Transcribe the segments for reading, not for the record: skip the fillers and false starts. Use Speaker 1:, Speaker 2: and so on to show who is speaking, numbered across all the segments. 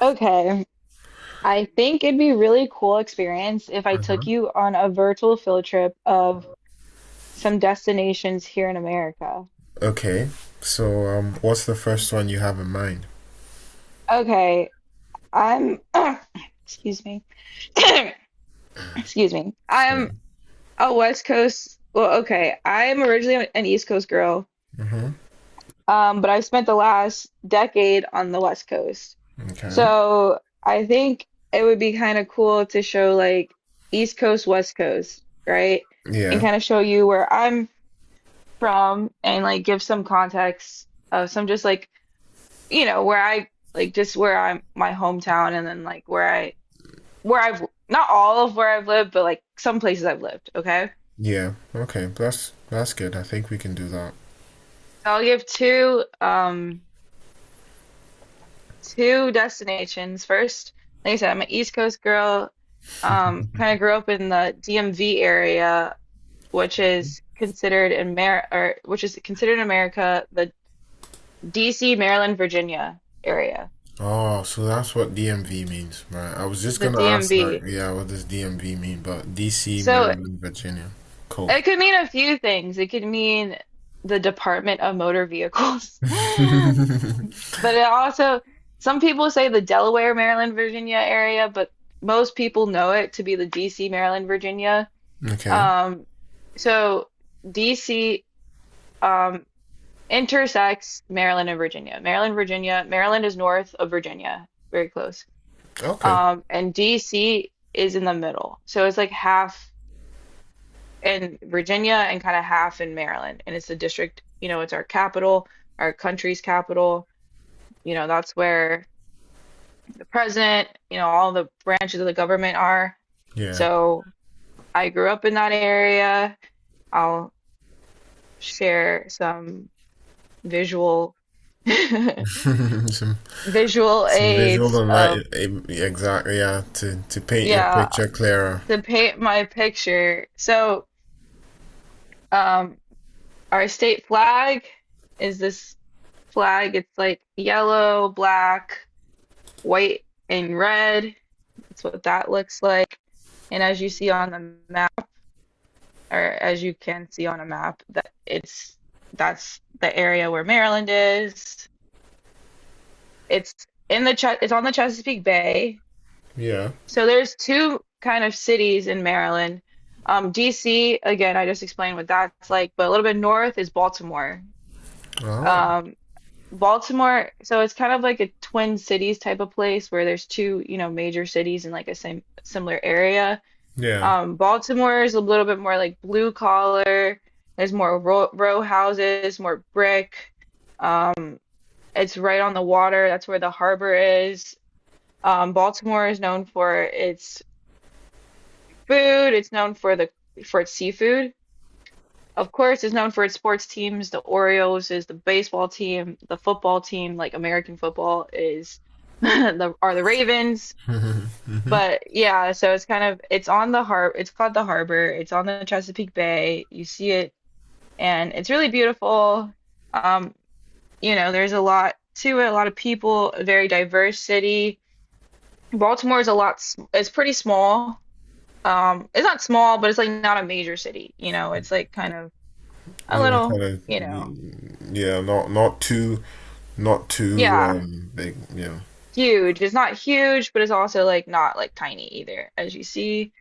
Speaker 1: Okay, I think it'd be really cool experience if I
Speaker 2: Uh-huh.
Speaker 1: took you on a virtual field trip of some destinations here in America.
Speaker 2: Okay. What's the first one you have in mind?
Speaker 1: Okay, I'm excuse me. Excuse me.
Speaker 2: So,
Speaker 1: I'm a West Coast, well, okay, I'm originally an East Coast girl,
Speaker 2: Mm-hmm.
Speaker 1: but I've spent the last decade on the West Coast.
Speaker 2: Okay.
Speaker 1: So I think it would be kind of cool to show like East Coast, West Coast, right? And
Speaker 2: Yeah.
Speaker 1: kind of show you where I'm from and like give some context of some just like where I like just where I'm my hometown and then like where I where I've not all of where I've lived but like some places I've lived, okay,
Speaker 2: Yeah. Okay. That's good. I think we can do that.
Speaker 1: so I'll give two two destinations. First, like I said, I'm an East Coast girl, um, kind of grew up in the DMV area, which is considered in Mar or which is considered in America the DC, Maryland, Virginia area,
Speaker 2: Oh, so that's what DMV means, right? I was just
Speaker 1: the
Speaker 2: gonna ask that.
Speaker 1: DMV.
Speaker 2: Yeah, what does DMV mean? But DC,
Speaker 1: So
Speaker 2: Maryland, Virginia. Cool.
Speaker 1: it could mean a few things. It could mean the Department of Motor Vehicles. But it also, some people say the Delaware, Maryland, Virginia area, but most people know it to be the DC, Maryland, Virginia.
Speaker 2: Okay.
Speaker 1: Um, so DC, um, intersects Maryland and Virginia. Maryland, Virginia, Maryland is north of Virginia, very close.
Speaker 2: Okay.
Speaker 1: And DC is in the middle. So it's like half in Virginia and kind of half in Maryland. And it's the district, you know, it's our capital, our country's capital. You know, that's where the president, you know, all the branches of the government are.
Speaker 2: Yeah.
Speaker 1: So I grew up in that area. I'll share some visual
Speaker 2: Some
Speaker 1: visual
Speaker 2: some visual
Speaker 1: aids
Speaker 2: and light.
Speaker 1: of,
Speaker 2: Exactly. Yeah. To paint your
Speaker 1: yeah,
Speaker 2: picture clearer.
Speaker 1: to paint my picture. So, um, our state flag is this flag. It's like yellow, black, white and red. That's what that looks like. And as you see on the map, or as you can see on a map, that it's that's the area where Maryland is. It's in the Ches- it's on the Chesapeake Bay.
Speaker 2: Yeah.
Speaker 1: So there's two kind of cities in Maryland. DC, again, I just explained what that's like, but a little bit north is Baltimore.
Speaker 2: Oh.
Speaker 1: Um, Baltimore, so it's kind of like a twin cities type of place where there's two, you know, major cities in like a same similar area.
Speaker 2: Yeah.
Speaker 1: Baltimore is a little bit more like blue collar. There's more row, row houses, more brick. Um, it's right on the water. That's where the harbor is. Baltimore is known for its food. It's known for the for its seafood. Of course, it's known for its sports teams. The Orioles is the baseball team. The football team, like American football, is the are the Ravens.
Speaker 2: Hmm hmm.
Speaker 1: But yeah, so it's kind of it's on the har it's called the harbor. It's on the Chesapeake Bay. You see it and it's really beautiful. Um, you know, there's a lot to it, a lot of people, a very diverse city. Baltimore is a lot s- it's pretty small. It's not small, but it's like not a major city, you know. It's like kind of a
Speaker 2: Yeah, kind
Speaker 1: little,
Speaker 2: of.
Speaker 1: you know.
Speaker 2: Yeah, not not too not too
Speaker 1: Yeah,
Speaker 2: um big. Yeah.
Speaker 1: huge. It's not huge, but it's also like not like tiny either, as you see.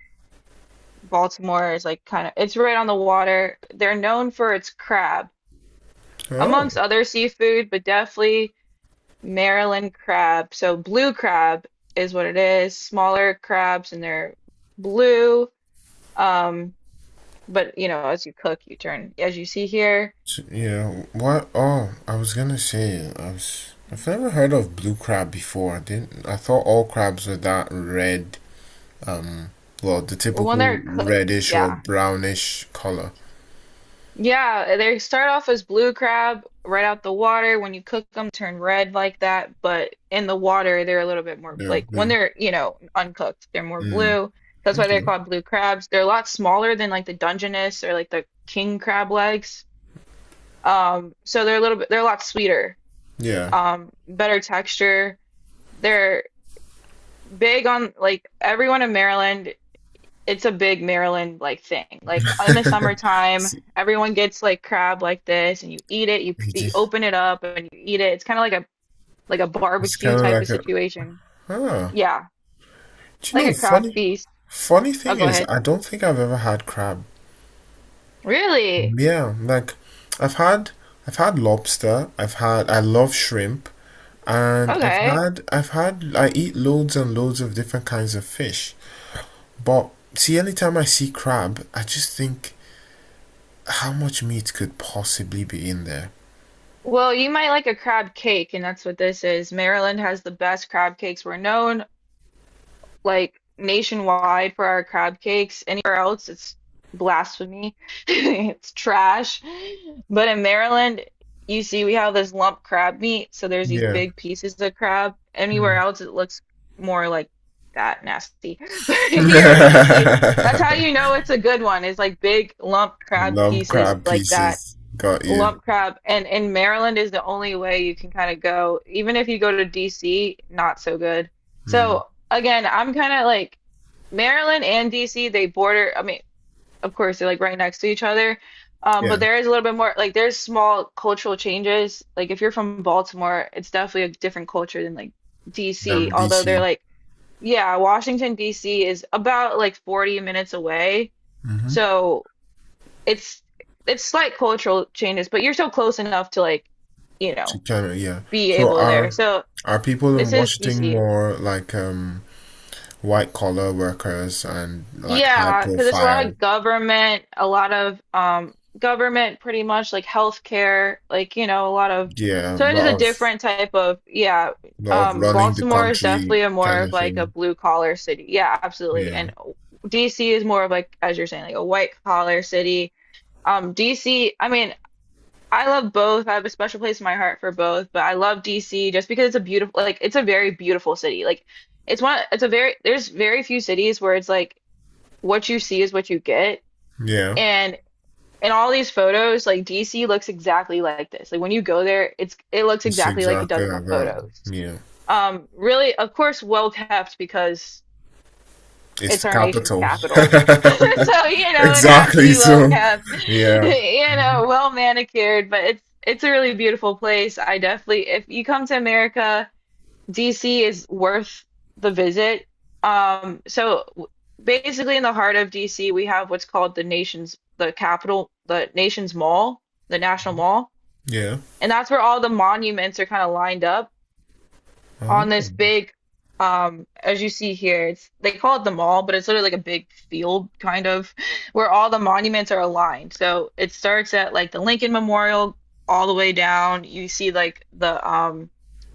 Speaker 1: Baltimore is like kind of it's right on the water. They're known for its crab, amongst
Speaker 2: Oh,
Speaker 1: other seafood, but definitely Maryland crab. So blue crab is what it is. Smaller crabs and they're blue. Um, but you know, as you cook, you turn as you see here.
Speaker 2: yeah. What? Oh, I was gonna say I was. I've never heard of blue crab before. I didn't. I thought all crabs were that red. Um. Well, the
Speaker 1: Well, when
Speaker 2: typical
Speaker 1: they're cooked,
Speaker 2: reddish or
Speaker 1: yeah.
Speaker 2: brownish color.
Speaker 1: Yeah, they start off as blue crab right out the water. When you cook them, turn red like that, but in the water, they're a little bit more
Speaker 2: They're
Speaker 1: like when
Speaker 2: blue.
Speaker 1: they're, you know, uncooked, they're more
Speaker 2: Mm.
Speaker 1: blue. That's why they're
Speaker 2: Okay.
Speaker 1: called blue crabs. They're a lot smaller than like the Dungeness or like the king crab legs. So they're a little bit, they're a lot sweeter,
Speaker 2: Yeah.
Speaker 1: better texture. They're big on like everyone in Maryland, it's a big Maryland like thing. Like in the summertime, everyone gets like crab like this, and you eat it. You
Speaker 2: It's,
Speaker 1: open it up and you eat it. It's kind of like a
Speaker 2: it's
Speaker 1: barbecue
Speaker 2: kind of
Speaker 1: type of
Speaker 2: like a.
Speaker 1: situation.
Speaker 2: Huh.
Speaker 1: Yeah,
Speaker 2: Do you
Speaker 1: like
Speaker 2: know
Speaker 1: a crab
Speaker 2: funny?
Speaker 1: feast.
Speaker 2: Funny
Speaker 1: Oh,
Speaker 2: thing
Speaker 1: go
Speaker 2: is,
Speaker 1: ahead.
Speaker 2: I don't think I've ever had crab.
Speaker 1: Really?
Speaker 2: Yeah, like I've had I've had lobster, I love shrimp, and
Speaker 1: Okay.
Speaker 2: I eat loads and loads of different kinds of fish. But see, anytime I see crab, I just think how much meat could possibly be in there?
Speaker 1: Well, you might like a crab cake, and that's what this is. Maryland has the best crab cakes. We're known like nationwide for our crab cakes. Anywhere else, it's blasphemy. It's trash. But in Maryland, you see, we have this lump crab meat, so there's these
Speaker 2: Yeah.
Speaker 1: big pieces of crab. Anywhere else, it looks more like that nasty. But here, you see, that's how
Speaker 2: Hmm.
Speaker 1: you know it's a good one. It's like big lump crab
Speaker 2: Lump
Speaker 1: pieces
Speaker 2: crab
Speaker 1: like that
Speaker 2: pieces. Got you.
Speaker 1: lump crab and in Maryland is the only way you can kind of go. Even if you go to DC, not so good.
Speaker 2: Hmm.
Speaker 1: So again, I'm kind of like Maryland and DC, they border, I mean, of course they're like right next to each other.
Speaker 2: Yeah,
Speaker 1: But there is a little bit more like there's small cultural changes. Like if you're from Baltimore, it's definitely a different culture than like DC,
Speaker 2: damn
Speaker 1: although they're
Speaker 2: DC.
Speaker 1: like, yeah, Washington DC is about like 40 minutes away. So it's it's slight cultural changes, but you're still close enough to like, you
Speaker 2: She
Speaker 1: know,
Speaker 2: can, yeah.
Speaker 1: be
Speaker 2: So
Speaker 1: able there.
Speaker 2: are
Speaker 1: So
Speaker 2: people in
Speaker 1: this is
Speaker 2: Washington
Speaker 1: DC.
Speaker 2: more like white collar workers and like high
Speaker 1: Yeah, because it's a lot
Speaker 2: profile?
Speaker 1: of government, a lot of government pretty much like healthcare, like, you know, a lot of
Speaker 2: Yeah, a
Speaker 1: so it is a different type of, yeah,
Speaker 2: lot of
Speaker 1: um,
Speaker 2: running the
Speaker 1: Baltimore is
Speaker 2: country
Speaker 1: definitely a more
Speaker 2: kind
Speaker 1: of
Speaker 2: of
Speaker 1: like a
Speaker 2: thing.
Speaker 1: blue collar city. Yeah, absolutely.
Speaker 2: Yeah.
Speaker 1: And DC is more of like as you're saying, like a white collar city. Um, DC, I mean, I love both. I have a special place in my heart for both, but I love DC just because it's a beautiful, like it's a very beautiful city. Like it's one, it's a very, there's very few cities where it's like what you see is what you get.
Speaker 2: Yeah.
Speaker 1: And in all these photos, like DC looks exactly like this. Like when you go there, it's it looks
Speaker 2: It's
Speaker 1: exactly like it
Speaker 2: exactly
Speaker 1: does in the
Speaker 2: like that.
Speaker 1: photos.
Speaker 2: Yeah.
Speaker 1: Really, of course, well kept because
Speaker 2: It's
Speaker 1: it's
Speaker 2: the
Speaker 1: our nation's
Speaker 2: capital.
Speaker 1: capital. So, you know, it has to
Speaker 2: Exactly.
Speaker 1: be well
Speaker 2: So
Speaker 1: kept,
Speaker 2: yeah.
Speaker 1: you know,
Speaker 2: Mhm.
Speaker 1: well manicured, but it's a really beautiful place. I definitely, if you come to America, DC is worth the visit. So w- basically in the heart of DC, we have what's called the nation's the capital, the nation's mall, the National Mall,
Speaker 2: Yeah.
Speaker 1: and that's where all the monuments are kind of lined up
Speaker 2: Oh.
Speaker 1: on this big, um, as you see here, it's they call it the mall but it's literally like a big field kind of where all the monuments are aligned. So it starts at like the Lincoln Memorial all the way down, you see like the, um,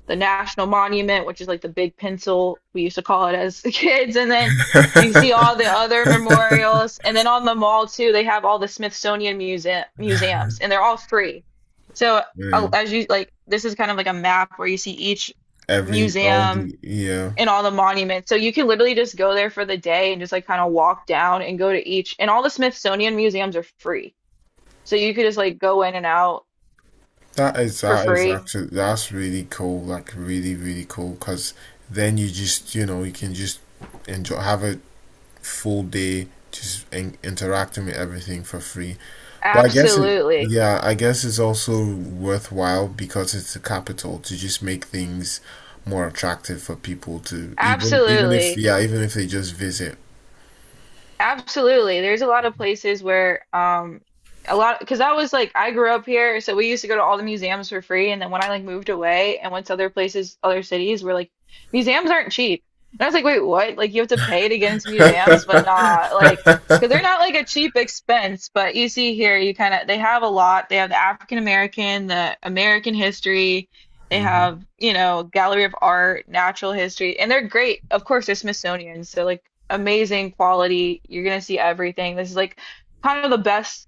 Speaker 1: the National Monument, which is like the big pencil we used to call it as kids, and then you see all the other memorials, and then on the mall too they have all the Smithsonian muse- museums, and they're all free. So,
Speaker 2: Yeah.
Speaker 1: as you like this is kind of like a map where you see each
Speaker 2: Every all
Speaker 1: museum
Speaker 2: the yeah.
Speaker 1: and all the monuments. So you can literally just go there for the day and just like kind of walk down and go to each. And all the Smithsonian museums are free. So you could just like go in and out for
Speaker 2: That is
Speaker 1: free.
Speaker 2: actually that's really cool, like really really cool, because then you just you can just enjoy have a full day just interacting with everything for free. But I guess it
Speaker 1: Absolutely.
Speaker 2: yeah I guess it's also worthwhile because it's the capital to just make things more attractive for people to
Speaker 1: Absolutely.
Speaker 2: even if they just visit.
Speaker 1: Absolutely. There's a lot of places where, um, a lot because I was like I grew up here, so we used to go to all the museums for free. And then when I like moved away and went to other places, other cities were like museums aren't cheap. And I was like, wait, what? Like you have to pay to get into museums, but not like because they're not like a cheap expense. But you see here, you kind of they have a lot. They have the African American, the American history. They
Speaker 2: Hmm.
Speaker 1: have, you know, gallery of art, natural history, and they're great. Of course, they're Smithsonian, so like amazing quality. You're gonna see everything. This is like kind of the best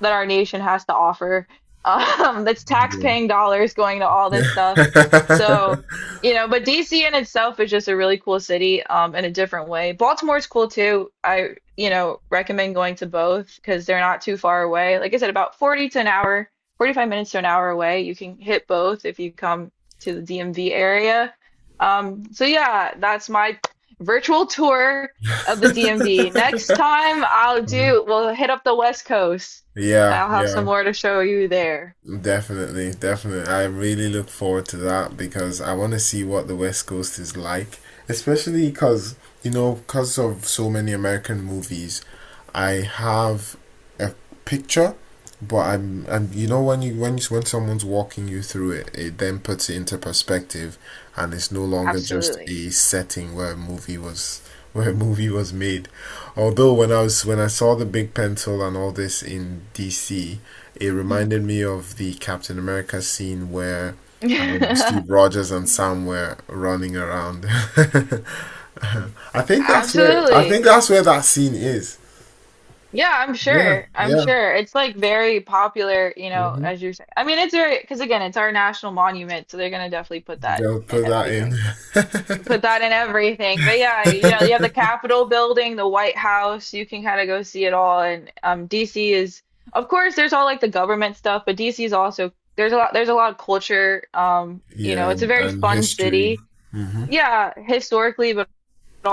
Speaker 1: that our nation has to offer. That's tax-paying dollars going to all this stuff.
Speaker 2: Yeah.
Speaker 1: So, you know, but DC in itself is just a really cool city, in a different way. Baltimore's cool too. I, you know, recommend going to both because they're not too far away. Like I said, about 40 to an hour 45 minutes to an hour away. You can hit both if you come to the DMV area. So yeah, that's my virtual tour of the DMV. Next time I'll do, we'll hit up the West Coast and
Speaker 2: Yeah,
Speaker 1: I'll have some
Speaker 2: yeah.
Speaker 1: more to show you there.
Speaker 2: Definitely, definitely. I really look forward to that because I want to see what the West Coast is like, especially because, you know, because of so many American movies, I have a picture, but I'm and you know when when someone's walking you through it, it then puts it into perspective, and it's no longer just
Speaker 1: Absolutely.
Speaker 2: a setting where a movie was where a movie was made. Although when I saw the big pencil and all this in DC, it reminded me of the Captain America scene where Steve Rogers and Sam were running around. I think
Speaker 1: Absolutely.
Speaker 2: that's where that scene is.
Speaker 1: Yeah, I'm
Speaker 2: Yeah,
Speaker 1: sure. I'm
Speaker 2: yeah.
Speaker 1: sure. It's like very popular, you know,
Speaker 2: Mhm.
Speaker 1: as you're saying. I mean, it's very, because again, it's our national monument, so they're gonna definitely put that
Speaker 2: They'll
Speaker 1: in
Speaker 2: put that in.
Speaker 1: everything. Put that in everything. But yeah, you know, you have the Capitol building, the White House, you can kind of go see it all. And, um, DC is of course there's all like the government stuff, but DC is also there's a lot of culture. You know,
Speaker 2: Yeah,
Speaker 1: it's a very
Speaker 2: and
Speaker 1: fun
Speaker 2: history.
Speaker 1: city.
Speaker 2: Mm-hmm.
Speaker 1: Yeah, historically, but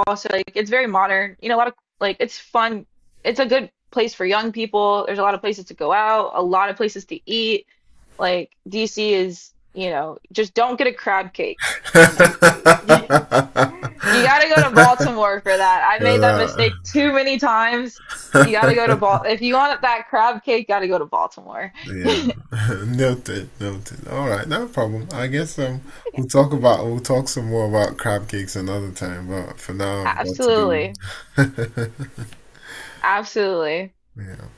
Speaker 1: also like it's very modern. You know, a lot of like it's fun. It's a good place for young people. There's a lot of places to go out, a lot of places to eat. Like DC is, you know, just don't get a crab cake in DC. You gotta go to Baltimore for that. I made that
Speaker 2: Uh,
Speaker 1: mistake too many times. You gotta go to Bal if you want that crab cake, gotta go to Baltimore.
Speaker 2: yeah, noted, noted. All right, no problem. We'll talk some more about crab cakes another time. But for now, I've got to
Speaker 1: Absolutely.
Speaker 2: go.
Speaker 1: Absolutely.
Speaker 2: yeah.